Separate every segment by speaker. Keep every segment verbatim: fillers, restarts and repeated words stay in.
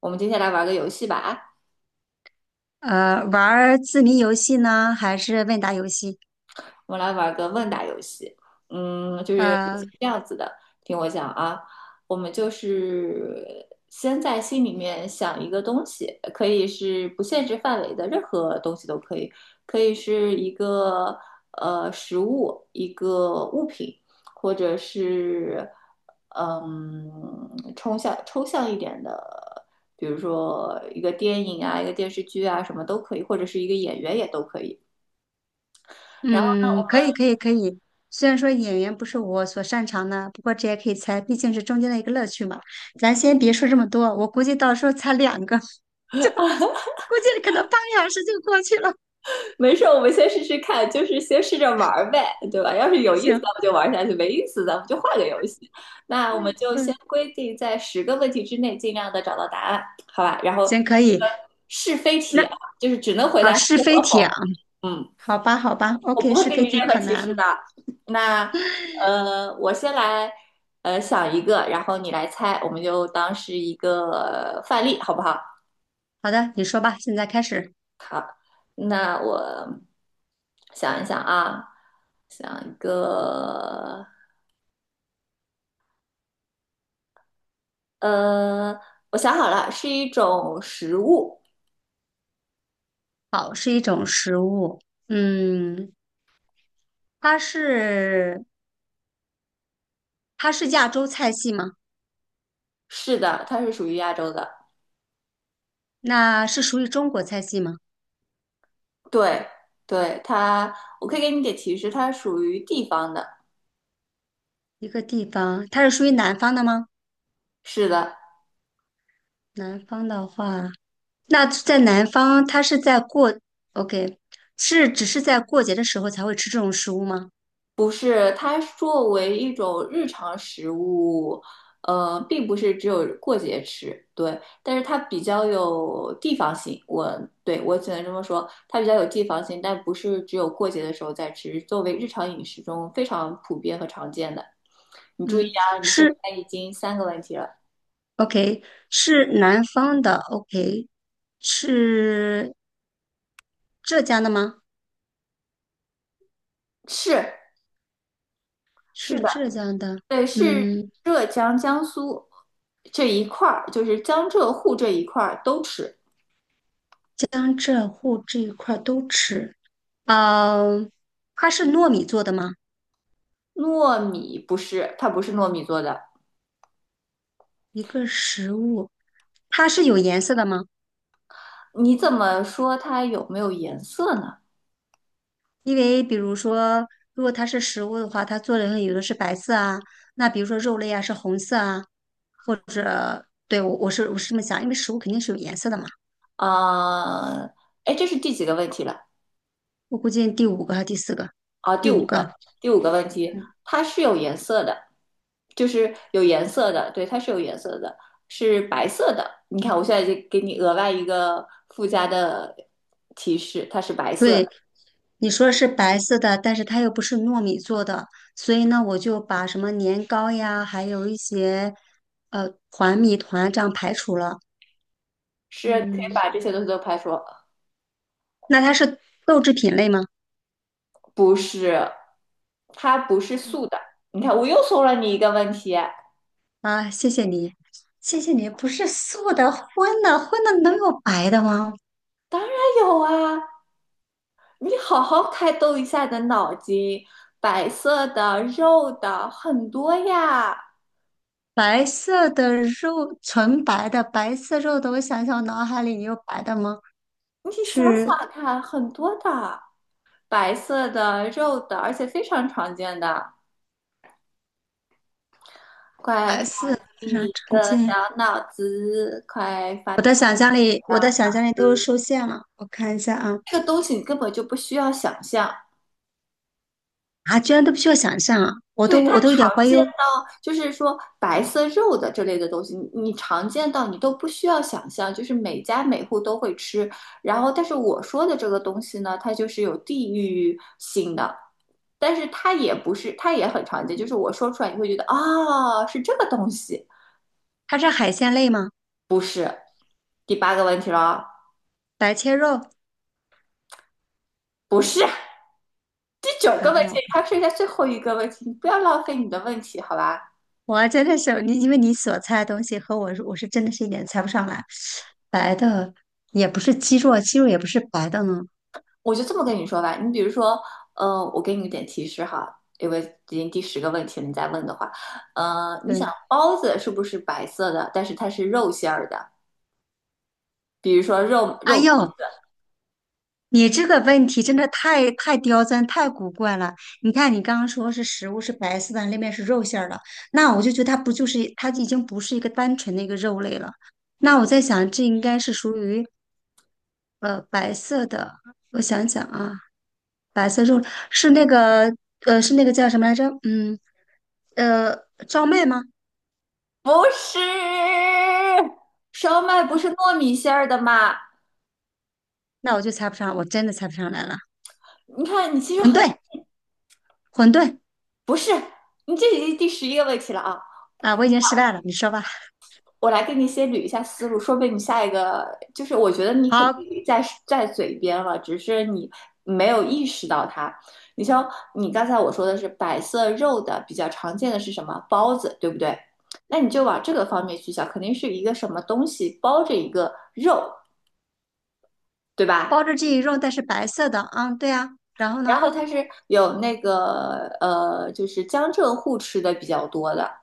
Speaker 1: 我们接下来玩个游戏吧，啊，
Speaker 2: 呃，玩儿字谜游戏呢，还是问答游戏？
Speaker 1: 我们来玩个问答游戏。嗯，就是游
Speaker 2: 呃，
Speaker 1: 戏是这样子的，听我讲啊，我们就是先在心里面想一个东西，可以是不限制范围的，任何东西都可以，可以是一个呃食物，一个物品，或者是嗯抽象抽象一点的，比如说一个电影啊，一个电视剧啊，什么都可以，或者是一个演员也都可以。然后
Speaker 2: 嗯，可以，可以，可以。虽然说演员不是我所擅长的，不过这也可以猜，毕竟是中间的一个乐趣嘛。咱先别说这么多，我估计到时候猜两个，估计可能半个小时就过去了。
Speaker 1: 没事，我们先试试看，就是先试着玩儿呗，对吧？要是有意思，
Speaker 2: 行，
Speaker 1: 咱们就玩下去；没意思，咱们就换个游戏。那我们
Speaker 2: 嗯
Speaker 1: 就先
Speaker 2: 嗯，
Speaker 1: 规定在十个问题之内，尽量的找到答案，好吧？然后
Speaker 2: 行，可
Speaker 1: 这个
Speaker 2: 以。
Speaker 1: 是非题
Speaker 2: 那
Speaker 1: 啊，就是只能回
Speaker 2: 啊，
Speaker 1: 答
Speaker 2: 是
Speaker 1: 是
Speaker 2: 非
Speaker 1: 和
Speaker 2: 题啊，
Speaker 1: 否。嗯，
Speaker 2: 好吧，好吧
Speaker 1: 我
Speaker 2: ，OK,
Speaker 1: 不会
Speaker 2: 是
Speaker 1: 给
Speaker 2: 非
Speaker 1: 你
Speaker 2: 题
Speaker 1: 任何
Speaker 2: 可
Speaker 1: 提
Speaker 2: 难
Speaker 1: 示
Speaker 2: 了。
Speaker 1: 的。那呃，我先来呃想一个，然后你来猜，我们就当是一个范例，好不好？
Speaker 2: 好的，你说吧，现在开始。
Speaker 1: 那我想一想啊，想一个，呃，我想好了，是一种食物。
Speaker 2: 好，是一种食物，嗯，它是。它是亚洲菜系吗？
Speaker 1: 是的，它是属于亚洲的。
Speaker 2: 那是属于中国菜系吗？
Speaker 1: 对，对，它，我可以给你点提示，它属于地方的。
Speaker 2: 一个地方，它是属于南方的吗？
Speaker 1: 是的，
Speaker 2: 南方的话，那在南方，它是在过，OK,是只是在过节的时候才会吃这种食物吗？
Speaker 1: 不是，它作为一种日常食物，呃，并不是只有过节吃，对，但是它比较有地方性，我对我只能这么说，它比较有地方性，但不是只有过节的时候在吃，作为日常饮食中非常普遍和常见的。你注意
Speaker 2: 嗯，
Speaker 1: 啊，你现
Speaker 2: 是
Speaker 1: 在已经三个问题了，
Speaker 2: OK,是南方的 OK,是浙江的吗？
Speaker 1: 是是
Speaker 2: 是
Speaker 1: 的，
Speaker 2: 浙江的，
Speaker 1: 对，是
Speaker 2: 嗯，
Speaker 1: 浙江、江苏这一块儿，就是江浙沪这一块儿都吃。
Speaker 2: 江浙沪这一块儿都吃。呃，它是糯米做的吗？
Speaker 1: 糯米不是，它不是糯米做的。
Speaker 2: 一个食物，它是有颜色的吗？
Speaker 1: 你怎么说它有没有颜色呢？
Speaker 2: 因为比如说，如果它是食物的话，它做的有的是白色啊，那比如说肉类啊是红色啊。对，我我是我是这么想，因为食物肯定是有颜色的嘛。
Speaker 1: 啊、哎，这是第几个问题了？
Speaker 2: 我估计第五个还是第四个，
Speaker 1: 啊，第
Speaker 2: 第五
Speaker 1: 五
Speaker 2: 个。
Speaker 1: 个，第五个问题，
Speaker 2: 嗯，
Speaker 1: 它是有颜色的，就是有颜色的，对，它是有颜色的，是白色的。你看，我现在就给你额外一个附加的提示，它是白色的，
Speaker 2: 对，你说是白色的，但是它又不是糯米做的，所以呢，我就把什么年糕呀，还有一些呃团米团这样排除了。
Speaker 1: 是你可
Speaker 2: 嗯，
Speaker 1: 以把这些东西都排除，
Speaker 2: 那它是豆制品类吗？
Speaker 1: 不是，它不是素的。你看，我又送了你一个问题，
Speaker 2: 啊，谢谢你，谢谢你。不是素的，荤的，荤的能有白的吗？
Speaker 1: 当然有啊，你好好开动一下你的脑筋，白色的、肉的很多呀，
Speaker 2: 白色的肉，纯白的白色肉的，我想想，我脑海里有白的吗？
Speaker 1: 你想想
Speaker 2: 是
Speaker 1: 看，很多的，白色的、肉的，而且非常常见的。快开
Speaker 2: 白
Speaker 1: 看
Speaker 2: 色，非
Speaker 1: 进
Speaker 2: 常
Speaker 1: 你
Speaker 2: 常
Speaker 1: 的
Speaker 2: 见。
Speaker 1: 小脑子，快发
Speaker 2: 我的
Speaker 1: 动
Speaker 2: 想象力，我的想象力都受限了。我看一下啊，
Speaker 1: 这个东西你根本就不需要想象，
Speaker 2: 啊，居然都不需要想象啊！我都
Speaker 1: 对，它
Speaker 2: 我都有点
Speaker 1: 常
Speaker 2: 怀疑
Speaker 1: 见。
Speaker 2: 哦，
Speaker 1: 就是说白色肉的这类的东西，你你常见到你都不需要想象，就是每家每户都会吃。然后，但是我说的这个东西呢，它就是有地域性的，但是它也不是，它也很常见。就是我说出来，你会觉得啊、是这个东西，
Speaker 2: 它是海鲜类吗？
Speaker 1: 不是。第八个问题了哦，
Speaker 2: 白切肉？
Speaker 1: 不是。第九
Speaker 2: 那
Speaker 1: 个
Speaker 2: 我
Speaker 1: 问题，
Speaker 2: 那我
Speaker 1: 它剩下最后一个问题，你不要浪费你的问题，好吧？
Speaker 2: 我真的是你，因为你所猜的东西和我是我是真的是一点猜不上来。白的也不是鸡肉啊，鸡肉也不是白的呢。
Speaker 1: 我就这么跟你说吧，你比如说，呃，我给你一点提示哈，因为已经第十个问题了，你再问的话，呃，你想
Speaker 2: 对，
Speaker 1: 包子是不是白色的，但是它是肉馅儿的，比如说肉
Speaker 2: 哎
Speaker 1: 肉包
Speaker 2: 呦，你这个问题真的太太刁钻、太古怪了。你看，你刚刚说是食物是白色的，那面是肉馅儿的，那我就觉得它不就是它已经不是一个单纯的一个肉类了。那我在想，这应该是属于呃白色的。我想想啊，白色肉是那个呃是那个叫什么来着？嗯呃，赵麦吗？
Speaker 1: 不是，烧麦不是糯米馅儿的吗？
Speaker 2: 那我就猜不上，我真的猜不上来了。
Speaker 1: 你看，你其实
Speaker 2: 馄
Speaker 1: 很，
Speaker 2: 饨，馄饨。
Speaker 1: 不是，你这已经第十一个问题了啊，
Speaker 2: 啊，我已经失败了，你说吧。
Speaker 1: 我来给你先捋一下思路，说不定你下一个就是我觉得你肯
Speaker 2: 好，
Speaker 1: 定在在嘴边了，只是你没有意识到它。你像你刚才我说的是白色肉的比较常见的是什么包子，对不对？那你就往这个方面去想，肯定是一个什么东西包着一个肉，对吧？
Speaker 2: 包着这一肉，但是白色的，啊，对啊。然后
Speaker 1: 然
Speaker 2: 呢？
Speaker 1: 后它是有那个呃，就是江浙沪吃的比较多的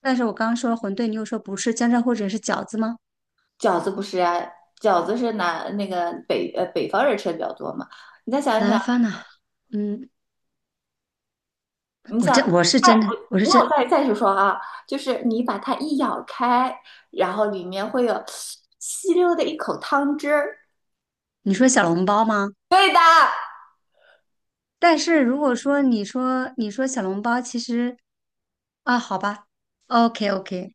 Speaker 2: 但是我刚刚说了馄饨，你又说不是江浙沪者是饺子吗？
Speaker 1: 饺子不是啊？饺子是南那个北呃北方人吃的比较多嘛？你再想一想，
Speaker 2: 南方呢？嗯，
Speaker 1: 你
Speaker 2: 我
Speaker 1: 想，
Speaker 2: 真我是
Speaker 1: 它，
Speaker 2: 真的，
Speaker 1: 我
Speaker 2: 我是
Speaker 1: 那我
Speaker 2: 真，
Speaker 1: 再再去说啊，就是你把它一咬开，然后里面会有吸溜的一口汤汁儿。
Speaker 2: 你说小笼包吗？
Speaker 1: 对的，
Speaker 2: 但是如果说你说你说小笼包，其实啊，好吧，OK OK,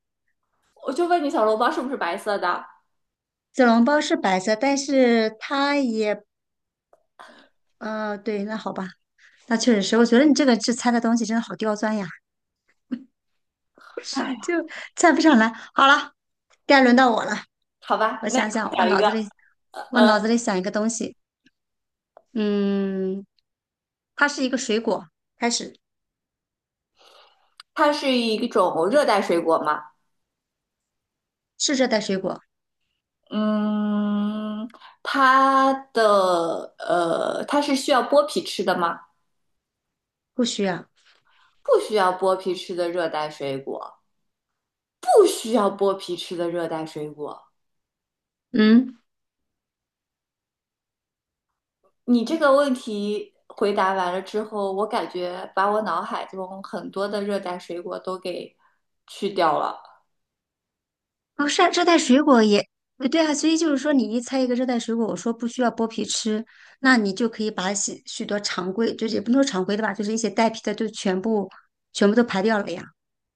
Speaker 1: 我就问你，小笼包是不是白色的？
Speaker 2: 小笼包是白色，但是它也，呃，对，那好吧，那确实是，我觉得你这个这猜的东西真的好刁钻呀，
Speaker 1: 哎呀，
Speaker 2: 就猜不上来。好了，该轮到我了。
Speaker 1: 好吧，
Speaker 2: 我
Speaker 1: 那
Speaker 2: 想想，
Speaker 1: 我
Speaker 2: 我
Speaker 1: 讲一
Speaker 2: 脑
Speaker 1: 个，
Speaker 2: 子里我
Speaker 1: 呃，
Speaker 2: 脑子里想一个东西，嗯，它是一个水果，开始
Speaker 1: 它是一种热带水果吗？
Speaker 2: 是热带水果，
Speaker 1: 嗯，它的呃，它是需要剥皮吃的吗？
Speaker 2: 不需要，
Speaker 1: 不需要剥皮吃的热带水果，不需要剥皮吃的热带水果。
Speaker 2: 嗯，
Speaker 1: 你这个问题回答完了之后，我感觉把我脑海中很多的热带水果都给去掉了。
Speaker 2: 哦，是啊热带水果也呃对啊，所以就是说你一猜一个热带水果，我说不需要剥皮吃，那你就可以把许许多常规，就是也不能说常规的吧，就是一些带皮的就全部全部都排掉了呀。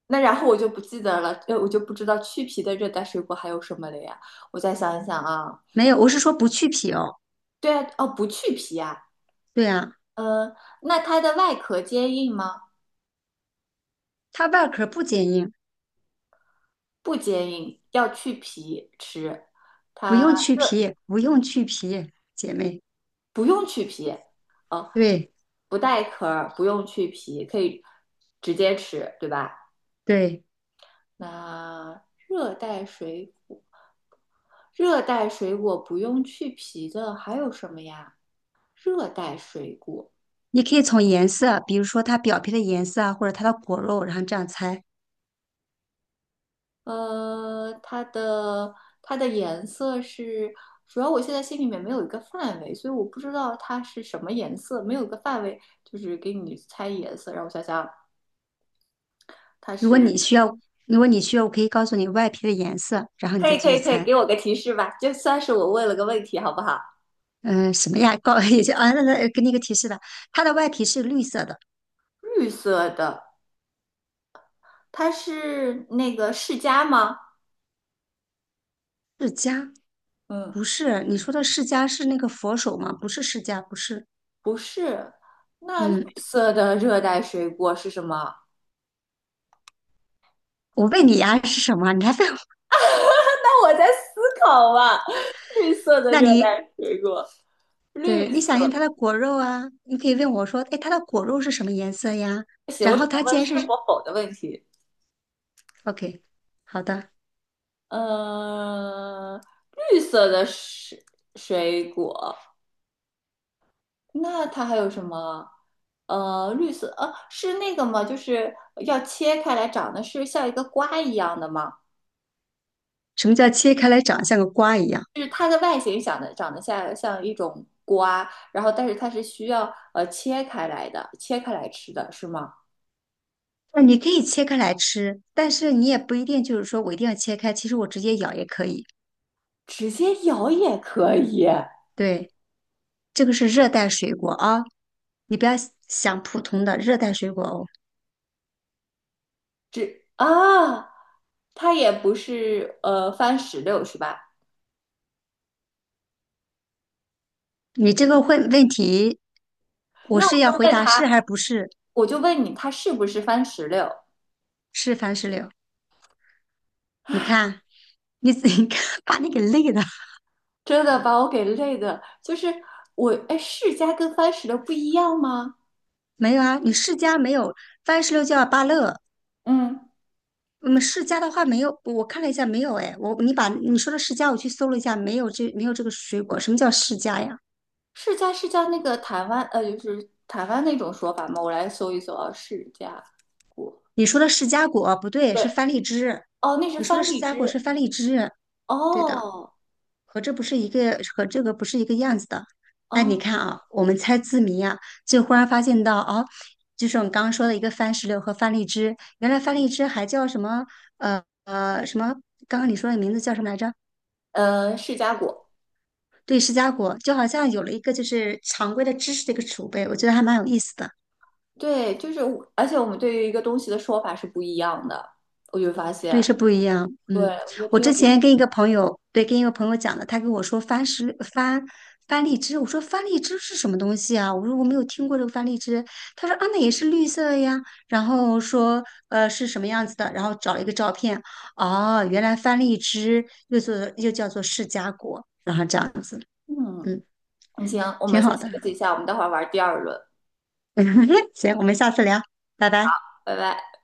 Speaker 1: 那然后我就不记得了，呃，我就不知道去皮的热带水果还有什么了呀？我再想一想啊，
Speaker 2: 没有，我是说不去皮哦，
Speaker 1: 对啊，哦，不去皮啊，
Speaker 2: 对啊，
Speaker 1: 嗯，那它的外壳坚硬吗？
Speaker 2: 它外壳不坚硬，
Speaker 1: 不坚硬，要去皮吃，
Speaker 2: 不用去皮，不用去皮，姐妹，
Speaker 1: 不用去皮，哦，
Speaker 2: 对
Speaker 1: 不带壳儿，不用去皮，可以直接吃，对吧？
Speaker 2: 对。
Speaker 1: 那热带水果，热带水果不用去皮的还有什么呀？热带水果，
Speaker 2: 你可以从颜色，比如说它表皮的颜色啊，或者它的果肉，然后这样猜。
Speaker 1: 呃，它的它的颜色是，主要我现在心里面没有一个范围，所以我不知道它是什么颜色，没有一个范围，就是给你猜颜色，让我想想，它
Speaker 2: 如果
Speaker 1: 是，
Speaker 2: 你需要，如果你需要，我可以告诉你外皮的颜色，然后你
Speaker 1: 可
Speaker 2: 再
Speaker 1: 以可
Speaker 2: 继续
Speaker 1: 以可以，
Speaker 2: 猜。
Speaker 1: 给我个提示吧，就算是我问了个问题，好不好？
Speaker 2: 嗯、什么呀？告 也就啊，那那给你一个提示吧，它的外皮是绿色的。
Speaker 1: 绿色的，它是那个释迦吗？
Speaker 2: 释迦
Speaker 1: 嗯，
Speaker 2: 不是，你说的释迦是那个佛手吗？不是释迦，不是。
Speaker 1: 不是，
Speaker 2: 嗯，
Speaker 1: 色的热带水果是什么？
Speaker 2: 我问你呀、是什么？你还问我？
Speaker 1: 那我在思考啊。绿色 的
Speaker 2: 那
Speaker 1: 热
Speaker 2: 你
Speaker 1: 带水果，绿
Speaker 2: 对，你想一下它
Speaker 1: 色。
Speaker 2: 的果肉啊，你可以问我说，哎，它的果肉是什么颜色呀？
Speaker 1: 不行，
Speaker 2: 然
Speaker 1: 我只
Speaker 2: 后
Speaker 1: 能
Speaker 2: 它既
Speaker 1: 问
Speaker 2: 然
Speaker 1: 是
Speaker 2: 是
Speaker 1: 或否的问题。
Speaker 2: OK,好的。
Speaker 1: 呃，绿色的水水果，那它还有什么？呃，绿色，呃，是那个吗？就是要切开来长得是像一个瓜一样的吗？
Speaker 2: 什么叫切开来长像个瓜一样？
Speaker 1: 就是它的外形长得长得像像一种瓜，然后但是它是需要呃切开来的，切开来吃的是吗？
Speaker 2: 那你可以切开来吃，但是你也不一定就是说我一定要切开，其实我直接咬也可以。
Speaker 1: 直接咬也可以，
Speaker 2: 对，这个是热带水果啊，你不要想普通的热带水果哦。
Speaker 1: 只啊，它也不是呃番石榴是吧？
Speaker 2: 你这个问问题，我
Speaker 1: 那我
Speaker 2: 是要
Speaker 1: 就
Speaker 2: 回
Speaker 1: 问
Speaker 2: 答
Speaker 1: 他，
Speaker 2: 是还是不是？
Speaker 1: 我就问你，它是不是番石榴？
Speaker 2: 是番石榴？你看，你 你看把你给累的。
Speaker 1: 真的把我给累的，就是我哎，释迦跟番石榴不一样吗？
Speaker 2: 没有啊，你世家没有番石榴叫芭乐，
Speaker 1: 嗯，
Speaker 2: 嗯，释迦的话没有，我看了一下没有哎，我你把你说的释迦我去搜了一下，没有这没有这个水果，什么叫释迦呀？
Speaker 1: 释迦是叫那个台湾呃，就是台湾那种说法吗？我来搜一搜啊，释迦果，
Speaker 2: 你说的释迦果不对，
Speaker 1: 对，
Speaker 2: 是番荔枝，
Speaker 1: 哦，那是
Speaker 2: 你说的
Speaker 1: 番
Speaker 2: 释
Speaker 1: 荔
Speaker 2: 迦
Speaker 1: 枝，
Speaker 2: 果是番荔枝，对的，
Speaker 1: 哦，
Speaker 2: 和这不是一个和这个不是一个样子的。哎，你看
Speaker 1: 哦，
Speaker 2: 啊，我们猜字谜啊，就忽然发现到哦，就是我们刚刚说的一个番石榴和番荔枝，原来番荔枝还叫什么呃呃什么？刚刚你说的名字叫什么来着？
Speaker 1: 呃，释迦果。
Speaker 2: 对，释迦果就好像有了一个就是常规的知识的一个储备，我觉得还蛮有意思的。
Speaker 1: 对，就是我而且我们对于一个东西的说法是不一样的，我就发
Speaker 2: 对，
Speaker 1: 现，
Speaker 2: 是不一样。
Speaker 1: 对，
Speaker 2: 嗯，
Speaker 1: 我觉得
Speaker 2: 我
Speaker 1: 挺有
Speaker 2: 之
Speaker 1: 意思。
Speaker 2: 前跟一个朋友，对，跟一个朋友讲的，他跟我说番石番番荔枝，我说番荔枝是什么东西啊？我说我没有听过这个番荔枝。他说啊，那也是绿色的呀。然后说呃是什么样子的？然后找了一个照片，哦，原来番荔枝又做又叫做释迦果，然后这样子，
Speaker 1: 嗯，
Speaker 2: 嗯，
Speaker 1: 行，我
Speaker 2: 挺
Speaker 1: 们先
Speaker 2: 好
Speaker 1: 休
Speaker 2: 的。
Speaker 1: 息一下，我们待会儿玩第二轮，
Speaker 2: 行，我们下次聊，拜拜。
Speaker 1: 拜拜。